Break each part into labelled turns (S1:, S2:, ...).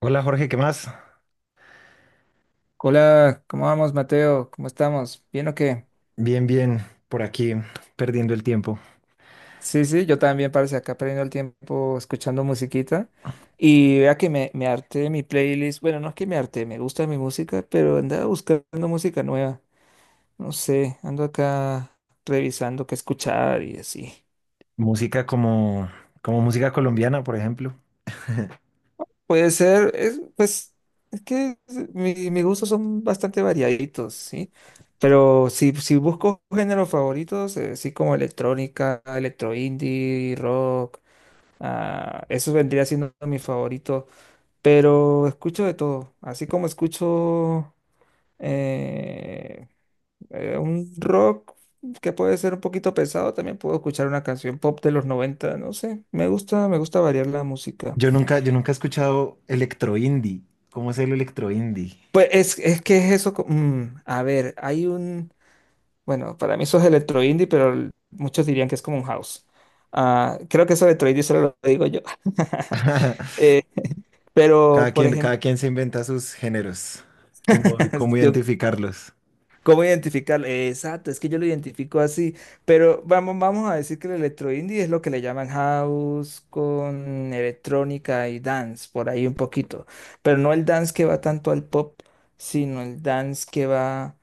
S1: Hola Jorge, ¿qué más?
S2: Hola, ¿cómo vamos, Mateo? ¿Cómo estamos? ¿Bien o qué?
S1: Bien, bien, por aquí perdiendo el tiempo.
S2: Sí, sí, yo también parece acá perdiendo el tiempo escuchando musiquita. Y vea que me harté mi playlist. Bueno, no es que me harté, me gusta mi música, pero andaba buscando música nueva. No sé, ando acá revisando qué escuchar y así.
S1: Música como, como música colombiana, por ejemplo.
S2: Puede ser, es, pues, es que mis gustos son bastante variaditos, ¿sí? Pero si busco géneros favoritos, sí como electrónica, electro indie, rock. Ah, eso vendría siendo mi favorito, pero escucho de todo, así como escucho eh, un rock que puede ser un poquito pesado, también puedo escuchar una canción pop de los 90, no sé, me gusta variar la música.
S1: Yo nunca he escuchado electro indie. ¿Cómo es el electro indie?
S2: Pues es que es eso, a ver, hay un, bueno, para mí eso es electro indie, pero muchos dirían que es como un house. Ah, creo que eso electro indie solo lo digo yo. Eh,
S1: Cada
S2: pero, por
S1: quien,
S2: ejemplo,
S1: cada quien se inventa sus géneros. ¿Cómo identificarlos?
S2: ¿Cómo identificarlo? Exacto, es que yo lo identifico así, pero vamos, vamos a decir que el electro indie es lo que le llaman house con electrónica y dance, por ahí un poquito, pero no el dance que va tanto al pop, sino el dance que va,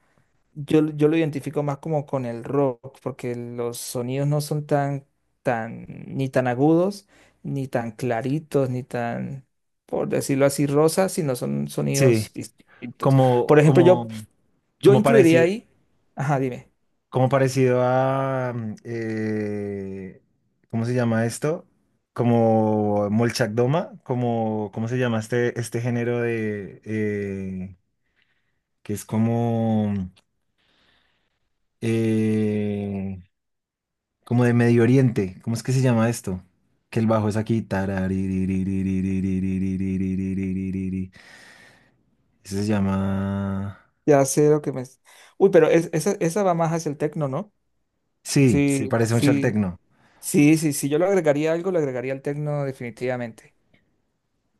S2: yo, yo lo identifico más como con el rock, porque los sonidos no son tan, tan, ni tan agudos, ni tan claritos, ni tan, por decirlo así, rosas, sino son
S1: Sí,
S2: sonidos distintos.
S1: como,
S2: Por ejemplo,
S1: como,
S2: yo... Yo
S1: como
S2: incluiría
S1: parecido.
S2: ahí. Ajá, dime.
S1: Como parecido a, ¿cómo se llama esto? Como Molchakdoma, como, ¿cómo se llama este género de, que es como, eh, como de Medio Oriente, ¿cómo es que se llama esto? Que el bajo es aquí, taraririririririririririririririririri. Eso se llama,
S2: Ya sé lo que me. Uy, pero esa, esa va más hacia el tecno, ¿no?
S1: sí, se
S2: Sí,
S1: parece mucho al
S2: sí,
S1: tecno.
S2: sí, sí. Si yo le agregaría algo, le agregaría el tecno definitivamente.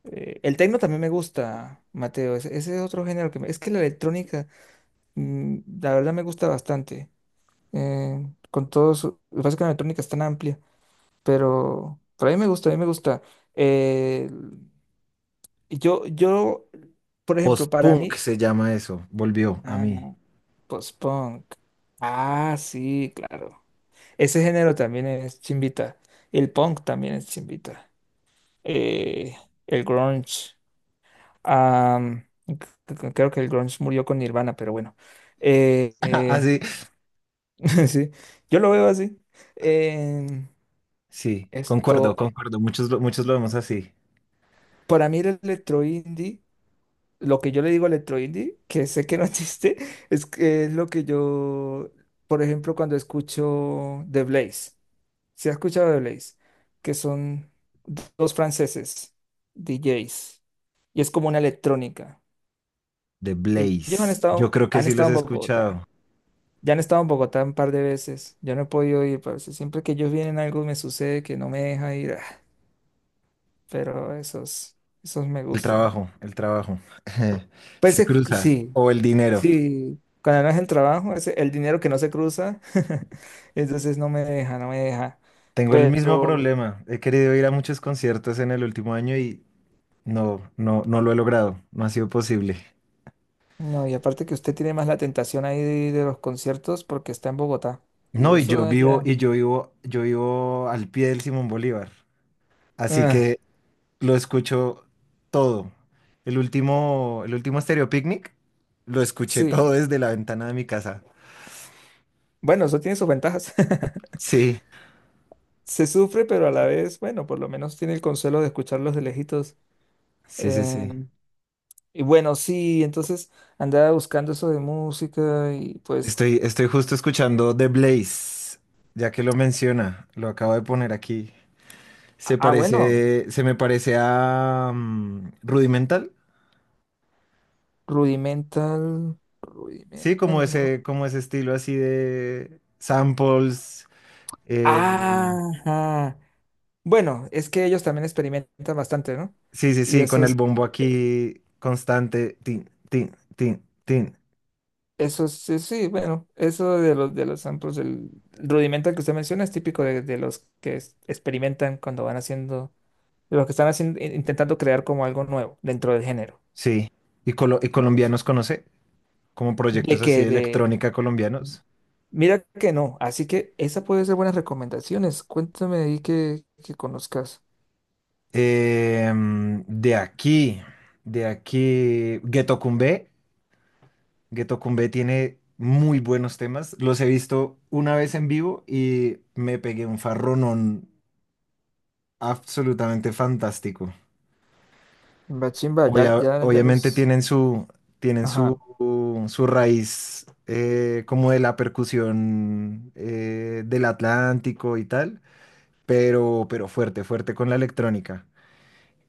S2: El tecno también me gusta, Mateo. Ese es otro género que me... Es que la electrónica, la verdad me gusta bastante. Con todo su... Lo que pasa es que la electrónica es tan amplia, pero... Pero a mí me gusta, a mí me gusta. Eh, yo, yo, por ejemplo, para
S1: Post-punk
S2: mí...
S1: se llama eso, volvió a
S2: Ah,
S1: mí.
S2: no. Post-punk. Ah, sí, claro. Ese género también es chimbita. El punk también es chimbita. Eh, el grunge. Creo que el grunge murió con Nirvana, pero bueno. Eh, eh,
S1: Así.
S2: sí, yo lo veo así. Em,
S1: Sí, concuerdo,
S2: esto,
S1: concuerdo. Muchos, muchos lo vemos así.
S2: para mí el electro indie, lo que yo le digo electro indie, que sé que no existe, es, que es lo que yo, por ejemplo, cuando escucho The Blaze. ¿Se ha escuchado de Blaze, que son dos franceses, DJs, y es como una electrónica?
S1: The
S2: Ellos
S1: Blaze. Yo creo que
S2: han
S1: sí los
S2: estado en
S1: he
S2: Bogotá,
S1: escuchado.
S2: ya han estado en Bogotá un par de veces, yo no he podido ir, pero si siempre que ellos vienen algo me sucede que no me deja ir, ah, pero esos, esos me
S1: El
S2: gustan.
S1: trabajo, el trabajo.
S2: Pues
S1: Se
S2: es que
S1: cruza.
S2: sí,
S1: O el dinero.
S2: sí, cuando no es el trabajo, es el dinero que no se cruza, entonces no me deja, no me deja,
S1: Tengo el mismo
S2: pero...
S1: problema. He querido ir a muchos conciertos en el último año y no lo he logrado. No ha sido posible.
S2: No, y aparte que usted tiene más la tentación ahí de los conciertos porque está en Bogotá. Y
S1: No,
S2: eso ya.
S1: yo vivo al pie del Simón Bolívar. Así
S2: Ah,
S1: que lo escucho todo. El último Stereo Picnic lo escuché todo
S2: sí.
S1: desde la ventana de mi casa.
S2: Bueno, eso tiene sus ventajas.
S1: Sí,
S2: Se sufre, pero a la vez, bueno, por lo menos tiene el consuelo de escucharlos de lejitos.
S1: sí, sí,
S2: Eh,
S1: sí.
S2: y bueno, sí, entonces andaba buscando eso de música y pues.
S1: Estoy justo escuchando The Blaze, ya que lo menciona, lo acabo de poner aquí. Se
S2: Ah, ah, bueno,
S1: parece, se me parece a Rudimental,
S2: Rudimental.
S1: sí,
S2: Rudimental, ¿no?
S1: como ese estilo así de samples. eh,
S2: Ajá. Bueno, es que ellos también experimentan bastante, ¿no?
S1: sí, sí,
S2: Y
S1: sí,
S2: eso
S1: con el
S2: es.
S1: bombo
S2: eh,
S1: aquí constante, tin, tin, tin, tin.
S2: Eso sí, sí, bueno, eso de los samples, el rudimento que usted menciona es típico de los que experimentan cuando van haciendo, de los que están haciendo, intentando crear como algo nuevo dentro del género.
S1: Sí. ¿Y, y colombianos conoce? Como
S2: De
S1: proyectos así
S2: que
S1: de
S2: de,
S1: electrónica colombianos.
S2: mira que no, así que esa puede ser buenas recomendaciones. Cuéntame ahí que conozcas.
S1: Em, de aquí, de aquí, Ghetto Kumbé. Ghetto Kumbé tiene muy buenos temas. Los he visto una vez en vivo y me pegué un farronón absolutamente fantástico.
S2: Chimba, chimba, ya, ya, ya
S1: Obviamente
S2: los.
S1: tienen su, tienen
S2: Ajá.
S1: su, su raíz, como de la percusión, del Atlántico y tal, pero fuerte, fuerte con la electrónica.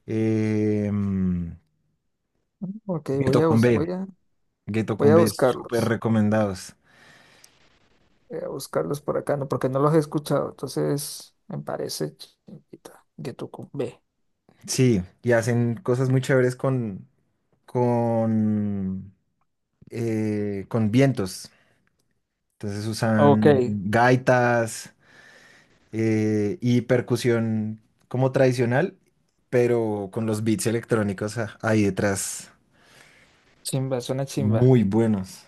S1: Em,
S2: Ok,
S1: Ghetto Kumbé.
S2: voy a,
S1: Geto
S2: voy a
S1: Kumbe, súper
S2: buscarlos.
S1: recomendados.
S2: Voy a buscarlos por acá, no, porque no los he escuchado. Entonces, me parece chimbita, Getucumbe.
S1: Sí, y hacen cosas muy chéveres con con vientos. Entonces
S2: Ok,
S1: usan gaitas, y percusión como tradicional, pero con los beats electrónicos ahí detrás,
S2: chimba, suena chimba.
S1: muy buenos.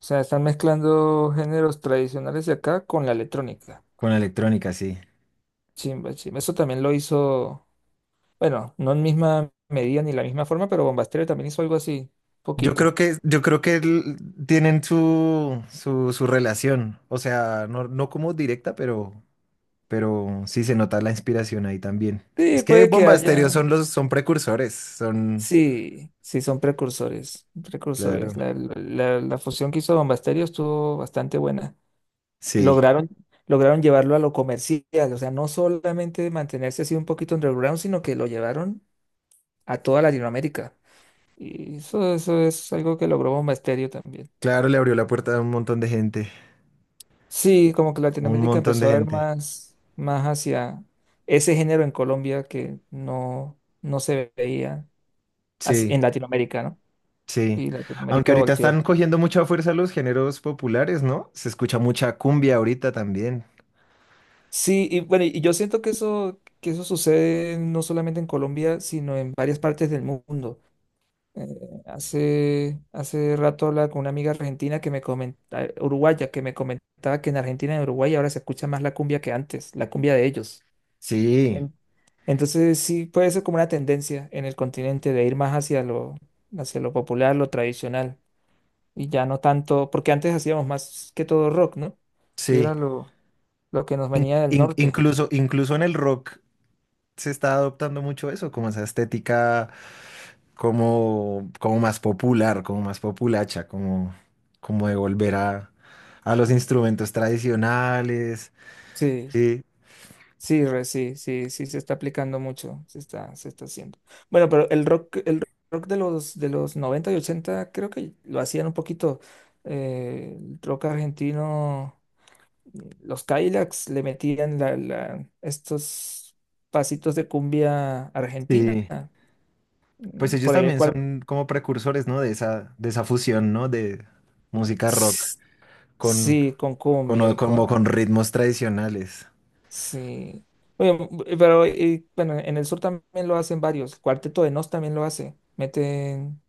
S2: O sea, están mezclando géneros tradicionales de acá con la electrónica.
S1: Con la electrónica, sí.
S2: Chimba, chimba. Eso también lo hizo, bueno, no en misma medida ni la misma forma, pero Bombastereo también hizo algo así, poquito.
S1: Yo creo que el- Tienen su relación. O sea, no, no como directa, pero sí se nota la inspiración ahí también.
S2: Sí,
S1: Es que
S2: puede que
S1: Bomba Estéreo
S2: haya.
S1: son los, son precursores, son,
S2: Sí, sí, son precursores,
S1: claro,
S2: precursores. La fusión que hizo Bombastereo estuvo bastante buena.
S1: sí,
S2: Lograron, lograron llevarlo a lo comercial, o sea, no solamente mantenerse así un poquito underground, sino que lo llevaron a toda Latinoamérica. Y eso es algo que logró un Mysterio también.
S1: claro, le abrió la puerta a un montón de gente,
S2: Sí, como que
S1: un
S2: Latinoamérica
S1: montón de
S2: empezó a ver
S1: gente,
S2: más, más hacia ese género en Colombia que no, no se veía así,
S1: sí,
S2: en Latinoamérica, ¿no?
S1: sí.
S2: Y
S1: Aunque
S2: Latinoamérica
S1: ahorita
S2: volteó.
S1: están cogiendo mucha fuerza los géneros populares, ¿no? Se escucha mucha cumbia ahorita también,
S2: Sí, y bueno, y yo siento que eso sucede no solamente en Colombia, sino en varias partes del mundo. Eh, hace, hace rato hablaba con una amiga argentina que me comentaba, uruguaya, que me comentaba que en Argentina y en Uruguay ahora se escucha más la cumbia que antes, la cumbia de ellos.
S1: sí,
S2: En- Entonces sí puede ser como una tendencia en el continente de ir más hacia lo popular, lo tradicional, y ya no tanto, porque antes hacíamos más que todo rock, ¿no? Que
S1: sí.
S2: era lo que nos venía del norte.
S1: Incluso en el rock se está adoptando mucho eso, como esa estética. Como, como más popular, como más populacha, como, como de volver a los instrumentos tradicionales.
S2: Sí,
S1: Sí,
S2: sí, re, sí, sí, sí, se está aplicando mucho, se está haciendo. Bueno, pero el rock de los 90 y 80 creo que lo hacían un poquito, el rock argentino. Los Cadillacs le metían estos pasitos de cumbia argentina,
S1: sí. Pues ellos
S2: por ahí el
S1: también
S2: cual,
S1: son como precursores, ¿no? De esa fusión, ¿no? De música rock
S2: s-
S1: con,
S2: sí, con cumbia
S1: o
S2: y con,
S1: como con ritmos tradicionales.
S2: sí. Oye, m- pero y, bueno, en el sur también lo hacen varios, el Cuarteto de Nos también lo hace, meten,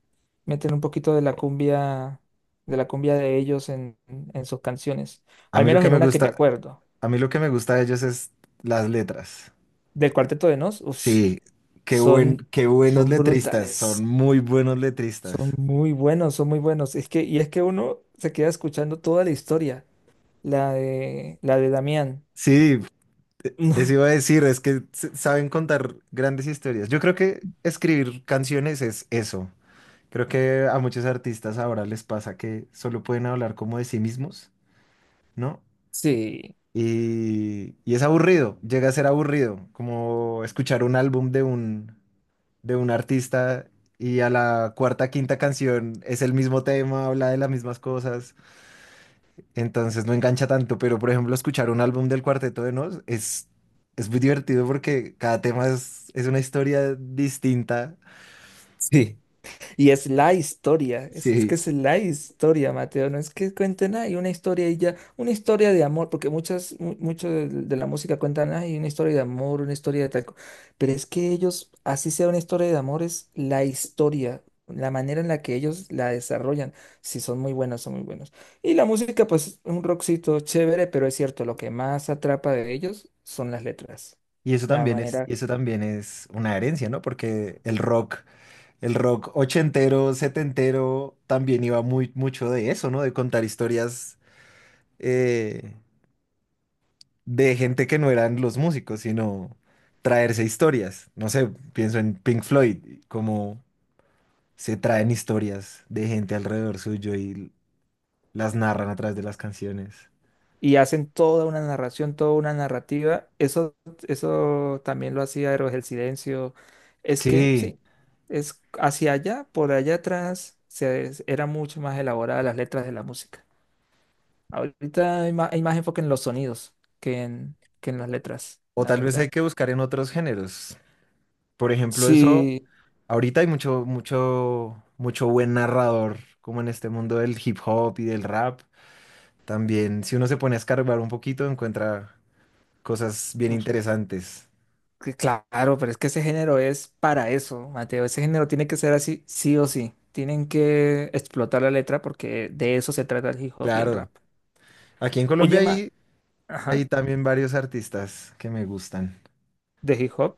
S2: meten un poquito de la cumbia, de la cumbia de ellos en sus canciones,
S1: A
S2: al
S1: mí lo
S2: menos
S1: que
S2: en
S1: me
S2: una que me
S1: gusta,
S2: acuerdo,
S1: a mí lo que me gusta de ellos es las letras.
S2: del Cuarteto de Nos, uf,
S1: Sí,
S2: son,
S1: qué buenos
S2: son
S1: letristas, son
S2: brutales.
S1: muy buenos
S2: Son
S1: letristas.
S2: muy buenos, son muy buenos. Es que, y es que uno se queda escuchando toda la historia, la de Damián.
S1: Sí, Eso iba a decir, es que saben contar grandes historias. Yo creo que escribir canciones es eso. Creo que a muchos artistas ahora les pasa que solo pueden hablar como de sí mismos, ¿no?
S2: Sí,
S1: Y es aburrido, llega a ser aburrido, como escuchar un álbum de un artista y a la cuarta, quinta canción es el mismo tema, habla de las mismas cosas. Entonces no engancha tanto, pero por ejemplo, escuchar un álbum del Cuarteto de Nos es muy divertido porque cada tema es una historia distinta.
S2: sí. Y es la historia, es
S1: Sí.
S2: que es la historia, Mateo, no es que cuenten, hay una historia y ya, una historia de amor, porque muchas, mucho de la música cuentan, hay una historia de amor, una historia de tal, co-". Pero es que ellos, así sea una historia de amor, es la historia, la manera en la que ellos la desarrollan, si son muy buenos, son muy buenos. Y la música, pues, un rockcito chévere, pero es cierto, lo que más atrapa de ellos son las letras, la manera.
S1: Y eso también es una herencia, ¿no? Porque el rock ochentero, setentero, también iba muy, mucho de eso, ¿no? De contar historias, eh, de gente que no eran los músicos, sino traerse historias. No sé, pienso en Pink Floyd, como se traen historias de gente alrededor suyo y las narran a través de las canciones.
S2: Y hacen toda una narración, toda una narrativa. Eso también lo hacía Héroes del Silencio. Es que
S1: Sí,
S2: sí, es hacia allá, por allá atrás, se, era mucho más elaborada las letras de la música. Ahorita hay más enfoque en los sonidos que en las letras,
S1: o
S2: la
S1: tal vez hay
S2: verdad.
S1: que buscar en otros géneros. Por ejemplo, eso,
S2: Sí,
S1: ahorita hay mucho, mucho, mucho buen narrador, como en este mundo del hip hop y del rap. También, si uno se pone a escarbar un poquito, encuentra cosas bien
S2: pues,
S1: interesantes.
S2: que claro, pero es que ese género es para eso, Mateo. Ese género tiene que ser así, sí o sí. Tienen que explotar la letra porque de eso se trata el hip hop y el
S1: Claro,
S2: rap.
S1: aquí en
S2: Oye,
S1: Colombia
S2: Ma,
S1: hay, hay
S2: Ajá.
S1: también varios artistas que me gustan.
S2: De hip hop.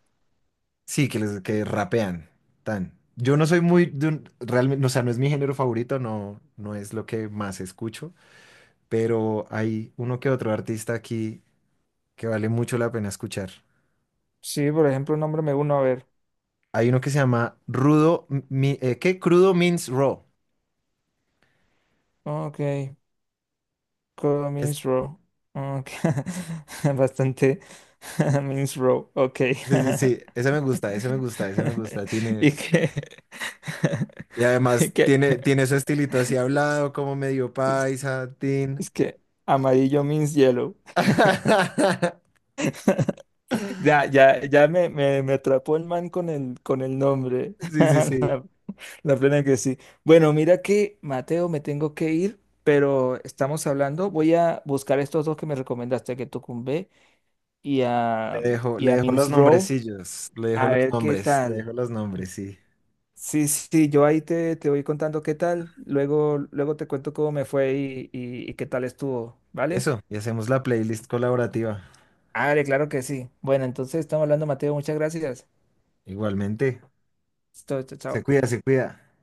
S1: Sí, que, que rapean. Tan. Yo no soy muy de realmente, o sea, no es mi género favorito, no, no es lo que más escucho, pero hay uno que otro artista aquí que vale mucho la pena escuchar.
S2: Sí, por ejemplo, nómbrame uno, a ver.
S1: Hay uno que se llama Rudo, ¿qué? Crudo Means Raw.
S2: Ok,
S1: Es-
S2: means Row. Ok. Bastante. Means Row. Ok.
S1: sí, sí, sí, ese me gusta, ese me gusta, ese me gusta. Tiene,
S2: Y que.
S1: y
S2: y
S1: además
S2: que-
S1: tiene, tiene su estilito así hablado, como medio
S2: Es,
S1: paisa, tin.
S2: es que amarillo means yellow. Ya, ya, ya me atrapó el man con el nombre.
S1: Sí, sí, sí.
S2: La plena que sí. Bueno, mira que Mateo, me tengo que ir, pero estamos hablando. Voy a buscar estos dos que me recomendaste, que Tucumbe y a, y a Mince Row
S1: Le dejo
S2: a
S1: los
S2: ver qué
S1: nombres, le
S2: tal.
S1: dejo los nombres, sí.
S2: Sí, sí, yo ahí te, te voy contando qué tal. Luego, luego te cuento cómo me fue y qué tal estuvo, ¿vale?
S1: Eso, y hacemos la playlist colaborativa.
S2: Vale, claro que sí. Bueno, entonces estamos hablando, Mateo. Muchas gracias.
S1: Igualmente,
S2: Chao, chao.
S1: se
S2: Chao.
S1: cuida, se cuida.